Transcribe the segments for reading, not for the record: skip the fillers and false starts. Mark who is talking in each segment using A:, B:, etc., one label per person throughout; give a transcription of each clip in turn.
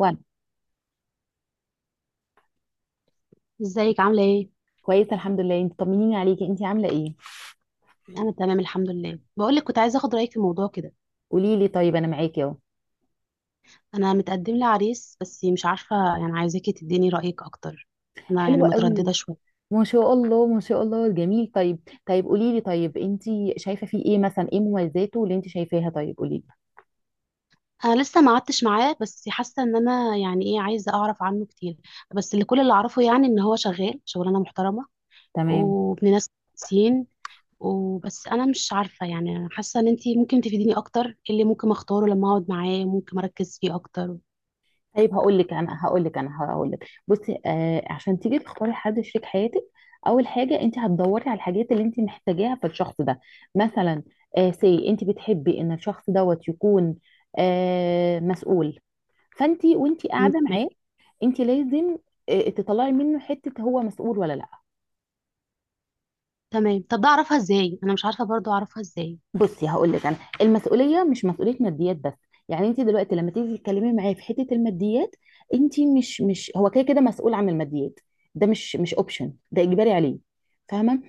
A: وانا
B: ازيك؟ عامله ايه؟
A: كويسه الحمد لله، انت طمنيني عليكي، انت عامله ايه؟
B: انا تمام الحمد لله. بقول لك كنت عايزه اخد رايك في موضوع كده.
A: قولي لي، طيب انا معاكي اهو.
B: انا متقدم لي عريس بس مش عارفه، يعني عايزاكي تديني رايك اكتر. انا يعني
A: حلوه
B: متردده
A: قوي.
B: شويه.
A: ما شاء الله ما شاء الله، جميل. طيب، طيب قولي لي، طيب انت شايفه فيه ايه؟ مثلا، ايه مميزاته اللي انت شايفاها؟ طيب قولي لي.
B: انا لسه ما قعدتش معاه بس حاسه ان انا يعني ايه، عايزه اعرف عنه كتير. بس كل اللي اعرفه يعني ان هو شغال شغلانه محترمه،
A: تمام.
B: وابن ناس كويسين. وبس انا مش عارفه، يعني حاسه ان انتي ممكن تفيديني اكتر. ايه اللي ممكن اختاره لما اقعد معاه؟ ممكن اركز فيه اكتر.
A: طيب هقول لك بصي، عشان تيجي تختاري حد شريك حياتك. اول حاجه، انت هتدوري على الحاجات اللي انت محتاجاها في الشخص ده. مثلا، سي انت بتحبي ان الشخص دوت يكون مسؤول. فانت وانت
B: مم،
A: قاعده
B: تمام.
A: معاه، انت لازم، تطلعي منه حته هو مسؤول ولا لا.
B: تمام. طب ده اعرفها ازاي؟ انا مش عارفه برضو اعرفها ازاي.
A: بصي، هقول لك انا المسؤوليه مش مسؤوليه ماديات بس. يعني انت دلوقتي لما تيجي تتكلمي معايا في حته الماديات، انت مش، هو كده كده مسؤول عن الماديات. ده مش اوبشن، ده اجباري عليه. فاهمه؟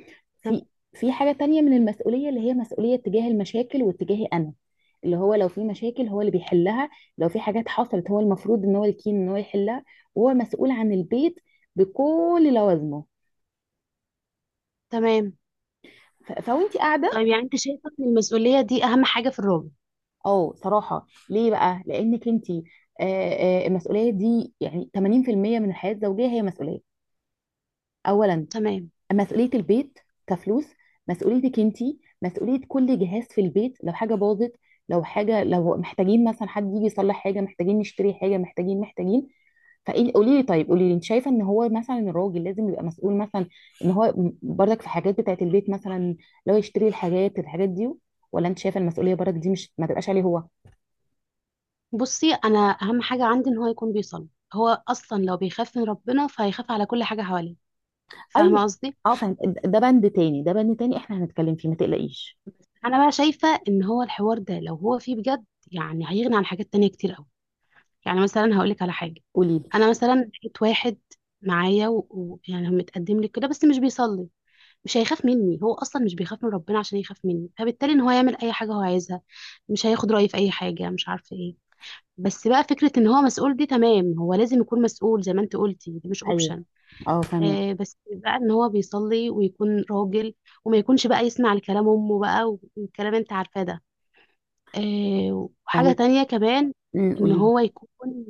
A: في في حاجه تانية من المسؤوليه، اللي هي مسؤوليه تجاه المشاكل واتجاهي انا. اللي هو لو في مشاكل، هو اللي بيحلها. لو في حاجات حصلت، هو المفروض ان هو الكين ان هو يحلها. وهو مسؤول عن البيت بكل لوازمه.
B: تمام.
A: فوانت قاعده.
B: طيب يعني انت شايفه ان المسؤوليه دي اهم حاجه في الراجل؟
A: اه صراحة، ليه بقى؟ لأنك انتي، المسؤولية دي يعني 80% من الحياة الزوجية، هي مسؤولية. أولا،
B: تمام.
A: مسؤولية البيت، كفلوس. مسؤوليتك انتي، مسؤولية كل جهاز في البيت لو حاجة باظت. لو حاجة، لو محتاجين مثلا حد يجي يصلح حاجة، محتاجين نشتري حاجة، محتاجين. فقولي لي، طيب قولي لي، انت شايفه ان هو مثلا الراجل لازم يبقى مسؤول مثلا، ان هو برضك في حاجات بتاعت البيت مثلا، لو يشتري الحاجات دي؟ ولا انت شايفه المسؤوليه برضك دي مش ما تبقاش عليه هو؟
B: بصي، انا اهم حاجه عندي ان هو يكون بيصلي. هو اصلا لو بيخاف من ربنا فهيخاف على كل حاجه حواليه.
A: ايوه.
B: فاهمه قصدي؟
A: اه فاهم، ده بند تاني، احنا هنتكلم فيه ما تقلقيش.
B: انا بقى شايفه ان هو الحوار ده لو هو فيه بجد، يعني هيغني عن حاجات تانية كتير قوي. يعني مثلا هقول لك على حاجه.
A: قولي لي.
B: انا مثلا لقيت واحد معايا، ويعني متقدم لي كده بس مش بيصلي. مش هيخاف مني، هو اصلا مش بيخاف من ربنا عشان يخاف مني. فبالتالي ان هو يعمل اي حاجه هو عايزها، مش هياخد رايي في اي حاجه، مش عارفه ايه. بس بقى فكرة ان هو مسؤول دي تمام، هو لازم يكون مسؤول زي ما انت قلتي، دي مش
A: ايوه.
B: اوبشن.
A: اه، فاهمك
B: بس بقى ان هو بيصلي ويكون راجل، وما يكونش بقى يسمع لكلام امه بقى، والكلام انت عارفاه ده. وحاجة
A: فاهمك
B: تانية كمان، ان
A: قولي لي.
B: هو يكون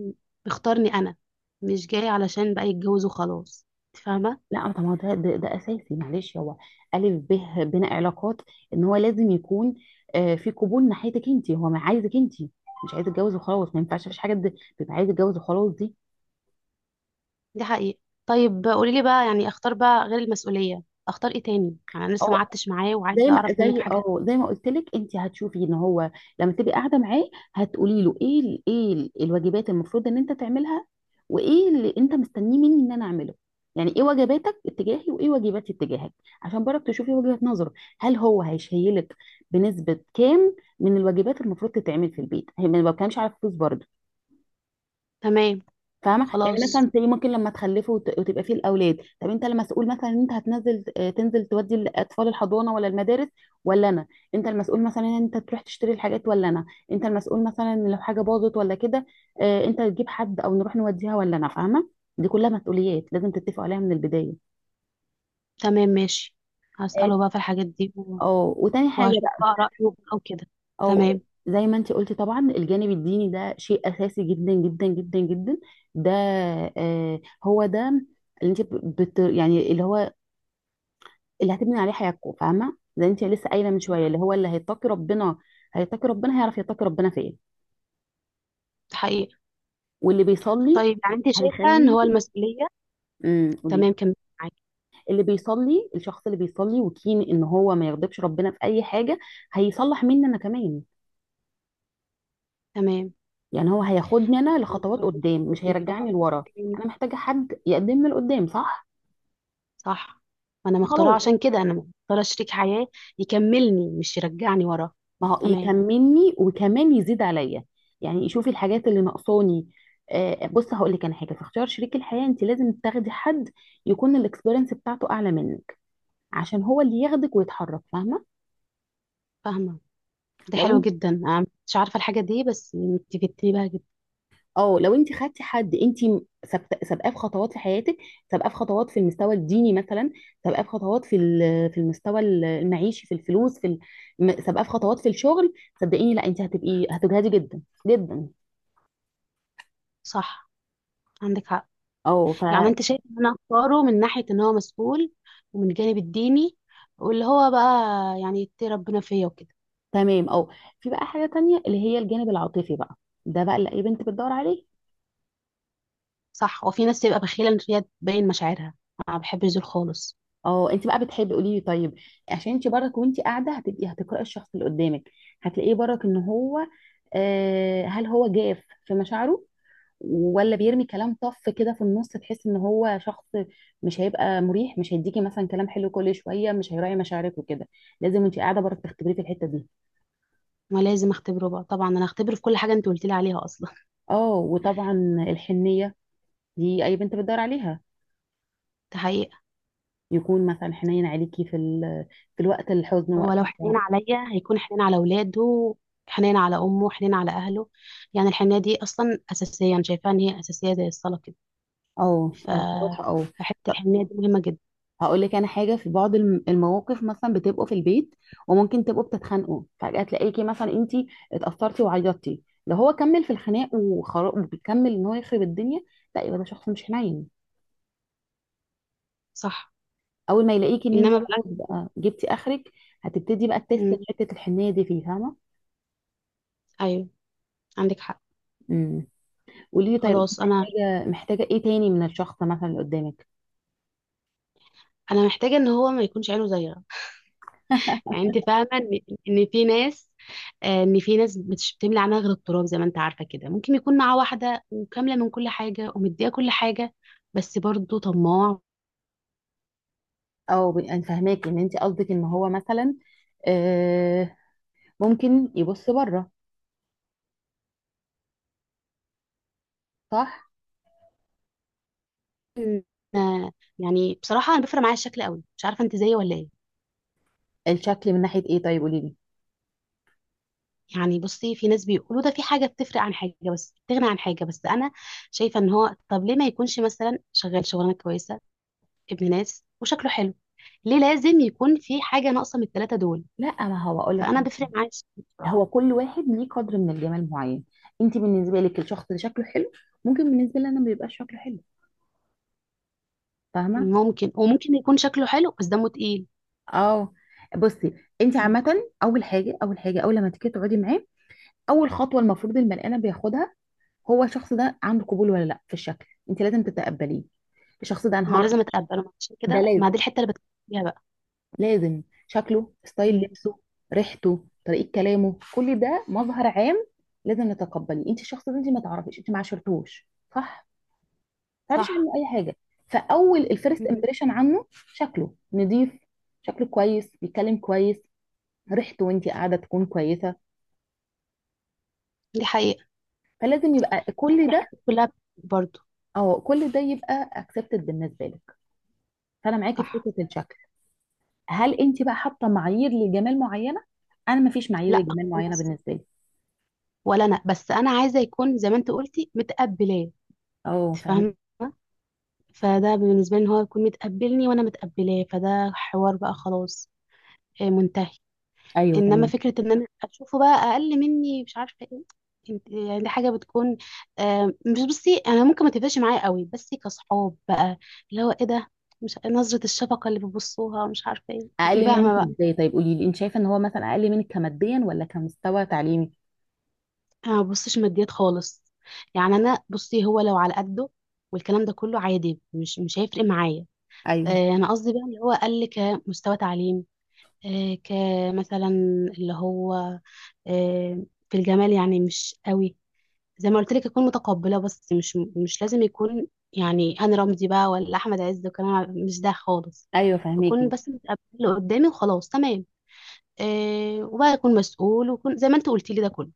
B: بيختارني انا، مش جاي علشان بقى يتجوز وخلاص. انت فاهمة؟
A: لا طب ما هو ده اساسي. معلش هو الف ب بين علاقات، ان هو لازم يكون، في قبول ناحيتك انت، هو ما عايزك انت. مش عايز يتجوز وخلاص، ما ينفعش مفيش حاجه تبقى عايز يتجوز وخلاص دي.
B: دي حقيقة. طيب قولي لي بقى، يعني اختار بقى غير المسؤولية اختار ايه تاني؟ يعني انا لسه ما
A: اه،
B: قعدتش معاه
A: زي
B: وعايزة
A: ما
B: اعرف منك
A: زي
B: حاجة.
A: اه زي ما قلت لك، انت هتشوفي ان هو لما تبقي قاعده معاه، هتقولي له ايه الواجبات المفروض ان انت تعملها، وايه اللي انت مستنيه مني ان انا اعمله. يعني ايه واجباتك اتجاهي، وايه واجباتي اتجاهك، عشان برضك تشوفي وجهة نظره. هل هو هيشيلك بنسبه كام من الواجبات المفروض تتعمل في البيت؟ هي ما بتكلمش على الفلوس برضه،
B: تمام.
A: فاهمه؟ يعني
B: خلاص.
A: مثلا زي، ممكن لما تخلفوا وتبقى فيه الاولاد، طب انت المسؤول مثلا ان انت هتنزل آه، تنزل تودي الاطفال الحضانه ولا المدارس؟ ولا انا؟ انت المسؤول مثلا ان انت تروح تشتري الحاجات، ولا انا؟ انت المسؤول مثلا إن لو حاجه باظت ولا كده، انت تجيب حد او نروح نوديها، ولا انا؟ فاهمه. دي كلها مسؤوليات لازم تتفقوا عليها من البدايه.
B: تمام ماشي، هسأله بقى في الحاجات دي
A: اه وتاني حاجه
B: وهشوف
A: بقى،
B: بقى رأيه أو كده.
A: او
B: تمام.
A: زي ما انت قلتي، طبعا الجانب الديني ده شيء اساسي جدا جدا جدا جدا. ده، هو ده اللي انت يعني اللي هو اللي هتبني عليه حياتكم. فاهمه؟ زي انت لسه قايله من شويه
B: صح.
A: اللي هو اللي هيتقي ربنا. هيتقي ربنا، هيعرف يتقي ربنا فين.
B: ده حقيقة.
A: واللي بيصلي
B: طيب يعني أنت شايفة إن هو
A: هيخليكي.
B: المسؤولية؟
A: قولي.
B: تمام كمل، معاكي.
A: اللي بيصلي، الشخص اللي بيصلي وكين ان هو ما يغضبش ربنا في اي حاجه، هيصلح مني انا كمان.
B: تمام.
A: يعني هو هياخدني انا لخطوات
B: المسؤولية
A: قدام، مش هيرجعني
B: وبيطمن
A: لورا.
B: تاني.
A: انا محتاجه حد يقدمني لقدام، صح.
B: صح. ما أنا مختارة،
A: خلاص،
B: عشان كده أنا مختارة شريك حياة يكملني مش يرجعني ورا.
A: ما هو
B: تمام.
A: يكملني وكمان يزيد عليا. يعني يشوف الحاجات اللي ناقصاني. بص، هقول لك انا حاجه في اختيار شريك الحياه، انت لازم تاخدي حد يكون الاكسبيرينس بتاعته اعلى منك، عشان هو اللي ياخدك ويتحرك. فاهمه؟
B: فاهمة. ده
A: لو
B: حلو
A: انت
B: جدا، أنا مش عارفة الحاجة دي بس أنت فدتني بها جدا.
A: اه لو انت خدتي حد انت سابقاه في خطوات في حياتك، سابقاه في خطوات في المستوى الديني مثلا، سابقاه في خطوات في في المستوى المعيشي في الفلوس سابقاه في خطوات في الشغل. صدقيني لا، انت هتبقي هتجهدي جدا جدا.
B: صح عندك حق. يعني
A: اه.
B: انت شايف ان انا اختاره من ناحية ان هو مسؤول، ومن الجانب الديني، واللي هو بقى يعني يتقي ربنا فيا وكده.
A: تمام، اه. في بقى حاجة تانية اللي هي الجانب العاطفي بقى، ده بقى اللي اي بنت بتدور عليه.
B: صح. وفي ناس تبقى بخيلة ان هي تبين مشاعرها، انا ما بحبش دول خالص.
A: اه، انت بقى بتحبي، قولي لي طيب. عشان انت برك وانت قاعدة هتبقي هتقرأي الشخص اللي قدامك، هتلاقيه برك ان هو، هل هو جاف في مشاعره؟ ولا بيرمي كلام طف كده في النص تحس ان هو شخص مش هيبقى مريح، مش هيديكي مثلا كلام حلو كل شوية، مش هيراعي مشاعرك وكده. لازم وانت قاعدة برك تختبريه في الحتة دي.
B: ما لازم اختبره بقى، طبعا انا هختبره في كل حاجة انت قلت لي عليها اصلا.
A: اه وطبعا الحنية دي اي بنت بتدور عليها.
B: ده حقيقة.
A: يكون مثلا حنين عليكي في ال في الوقت الحزن،
B: هو
A: وقت
B: لو حنين
A: الفرح.
B: عليا هيكون حنين على اولاده، حنين على امه، حنين على اهله. يعني الحنية دي اصلا اساسية، انا شايفاها ان هي اساسية زي الصلاة كده. ف
A: الفرح، اه.
B: فحتة
A: طب،
B: الحنية دي مهمة جدا.
A: هقول لك انا حاجه في بعض المواقف، مثلا بتبقوا في البيت وممكن تبقوا بتتخانقوا فجاه تلاقيكي مثلا انت اتاثرتي وعيطتي، لو هو كمل في الخناق وبيكمل ان هو يخرب الدنيا، لا، يبقى ده شخص مش حنين.
B: صح.
A: اول ما يلاقيكي ان انت
B: انما بقى.
A: خلاص بقى جبتي اخرك، هتبتدي بقى تست
B: مم.
A: حته الحنيه دي فيه. فاهمه؟
B: ايوه، عندك حق.
A: امم قولي لي طيب، انت
B: خلاص، انا
A: محتاجه ايه تاني من الشخص مثلا اللي قدامك؟
B: انا محتاجه ان هو ما يكونش عينه زيغه. يعني انت فاهمه ان ان في ناس آه، ان في ناس مش بتملي عينها غير التراب، زي ما انت عارفه كده. ممكن يكون معاه واحده وكامله من كل حاجه ومديها كل حاجه، بس برضه طماع.
A: انا فاهماك ان انت قصدك ان هو مثلا ممكن يبص بره، صح.
B: آه، يعني بصراحه انا بيفرق معايا الشكل قوي، مش عارفه انت زيي ولا ايه.
A: الشكل من ناحية ايه؟ طيب قولي لي.
B: يعني بصي، في ناس بيقولوا ده في حاجه بتفرق عن حاجه بس بتغني عن حاجه، بس انا شايفه ان هو طب ليه ما يكونش مثلا شغال شغلانه كويسه، ابن ناس وشكله حلو؟ ليه لازم يكون في حاجه ناقصه من الثلاثه دول؟
A: لا، ما هو اقول لك،
B: فانا بفرق معايا الشكل بصراحه.
A: هو كل واحد ليه قدر من الجمال معين. انت بالنسبة لك الشخص اللي شكله حلو، ممكن بالنسبة لي انا ما بيبقاش شكله حلو. فاهمة؟
B: ممكن، وممكن يكون شكله حلو بس دمه تقيل.
A: اه. بصي، انت
B: مم.
A: عامة، اول لما تيجي تقعدي معاه، اول خطوة المفروض البني ادم بياخدها، هو الشخص ده عنده قبول ولا لا في الشكل. انت لازم تتقبليه. الشخص ده انا
B: ما
A: هعرف.
B: لازم اتقبله، عشان
A: ده
B: كده ما
A: لازم،
B: دي الحته اللي بتكلم فيها بقى.
A: لازم. شكله، ستايل
B: مم.
A: لبسه، ريحته، طريقة كلامه، كل ده مظهر عام لازم نتقبليه. انت الشخص ده انت ما تعرفيش، انت ما عاشرتوش، صح. ما تعرفيش
B: صح.
A: عنه اي حاجة. فاول الفيرست
B: مم.
A: امبريشن عنه شكله نظيف، شكله كويس، بيتكلم كويس، ريحته وانت قاعدة تكون كويسة،
B: دي حقيقه.
A: فلازم يبقى
B: يعني
A: كل
B: دي
A: ده.
B: حاجات كلها برضو.
A: او كل ده يبقى اكسبتد بالنسبة لك. فانا معاكي في
B: صح.
A: حتة الشكل. هل انت بقى حاطة معايير لجمال معينة؟ انا ما فيش معايير
B: لا
A: لجمال معينة
B: خالص،
A: بالنسبة لي.
B: ولا انا، بس انا عايزه يكون زي ما انت قلتي متقبلاه.
A: اه،
B: أنت فاهمه.
A: فاهم.
B: فده بالنسبه لي ان هو يكون متقبلني وانا متقبلاه، فده حوار بقى خلاص، منتهي.
A: ايوه
B: انما
A: تمام.
B: فكره ان انا اشوفه بقى اقل مني مش عارفه ايه، انت يعني دي حاجه بتكون. مش بصي انا ممكن ما تبقاش معايا قوي بس كصحاب بقى، اللي هو ايه ده، مش نظره الشفقه اللي بيبصوها مش عارفه ايه، انت
A: اقل منك
B: فاهمه بقى.
A: ازاي؟ طيب قولي لي، انت شايفه ان هو مثلا اقل منك كماديا ولا كمستوى تعليمي؟
B: انا ما ببصش ماديات خالص. يعني انا بصي، هو لو على قده والكلام ده كله عادي، مش هيفرق معايا.
A: ايوه.
B: انا قصدي بقى اللي هو اقل كمستوى تعليم، كمثلا اللي هو في الجمال يعني مش قوي. زي ما قلت لك اكون متقبله، بس مش لازم يكون، يعني انا رمزي بقى ولا احمد عز وكلام مش ده خالص.
A: ايوه
B: اكون
A: فهميكي.
B: بس متقبله اللي قدامي وخلاص، تمام. إيه، وبقى اكون مسؤول وكون زي ما انت قلتي لي، ده كله.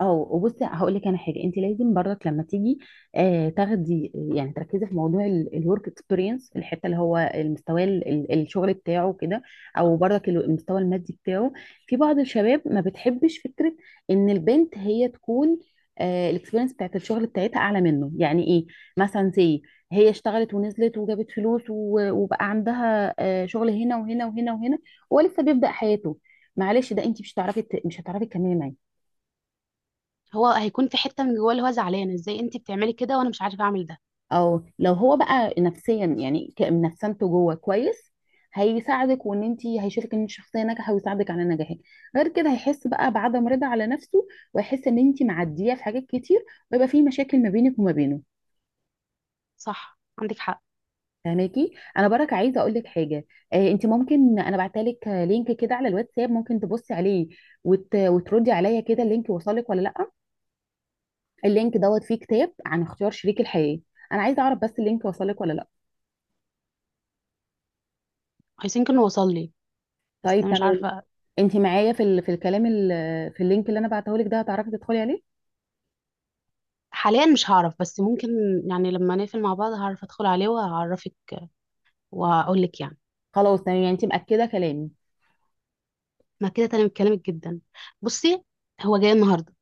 A: اه، وبصي، هقول لك انا حاجه، انت لازم برضك لما تيجي تاخدي يعني تركزي في موضوع الورك اكسبيرينس، الحته اللي هو المستوى الشغل بتاعه كده، او برضك المستوى المادي بتاعه. في بعض الشباب ما بتحبش فكره ان البنت هي تكون، الاكسبيرينس بتاعت الشغل بتاعتها اعلى منه. يعني ايه؟ مثلا زي، هي اشتغلت ونزلت وجابت فلوس، وبقى عندها شغل هنا وهنا وهنا وهنا، ولسه بيبدأ حياته. معلش، ده انت مش هتعرفي، مش هتعرفي تكملي معاه.
B: هو هيكون في حته من جواه اللي هو زعلان، ازاي انت بتعملي كده وانا مش عارفه اعمل ده؟
A: او لو هو بقى نفسيا يعني نفسانته جوه كويس، هيساعدك، وان انت هيشوفك ان الشخصيه ناجحه ويساعدك على نجاحك. غير كده هيحس بقى بعدم رضا على نفسه، ويحس ان انت معديه في حاجات كتير، ويبقى في مشاكل ما بينك وما بينه.
B: صح عندك حق.
A: فهماكي؟ انا برك عايزه اقول لك حاجه، انت ممكن، انا بعتلك لينك كده على الواتساب، ممكن تبصي عليه وتردي عليا كده اللينك وصلك ولا لا. اللينك دوت فيه كتاب عن اختيار شريك الحياه. انا عايزه اعرف بس اللينك وصلك ولا لا.
B: عايزين كنا، وصل لي. بس
A: طيب
B: انا مش
A: تمام.
B: عارفه
A: انت معايا في في الكلام في اللينك اللي انا بعته لك ده هتعرفي تدخلي عليه؟
B: حاليا، مش هعرف بس ممكن، يعني لما نقفل مع بعض هعرف ادخل عليه وهعرفك واقول لك يعني.
A: خلاص تمام. يعني انت مأكدة كلامي؟
B: ما كده تمام، كلامك جدا. بصي، هو جاي النهارده.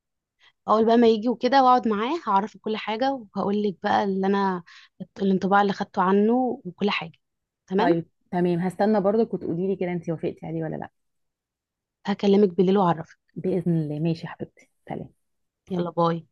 B: اول بقى ما يجي وكده واقعد معاه هعرفه كل حاجه، وهقول لك بقى اللي انا، الانطباع اللي خدته عنه وكل حاجه. تمام.
A: طيب تمام، هستنى برضك وتقولي لي كده انت وافقتي عليه ولا لا.
B: هكلمك بالليل واعرفك.
A: بإذن الله، ماشي يا حبيبتي، سلام.
B: يلا باي.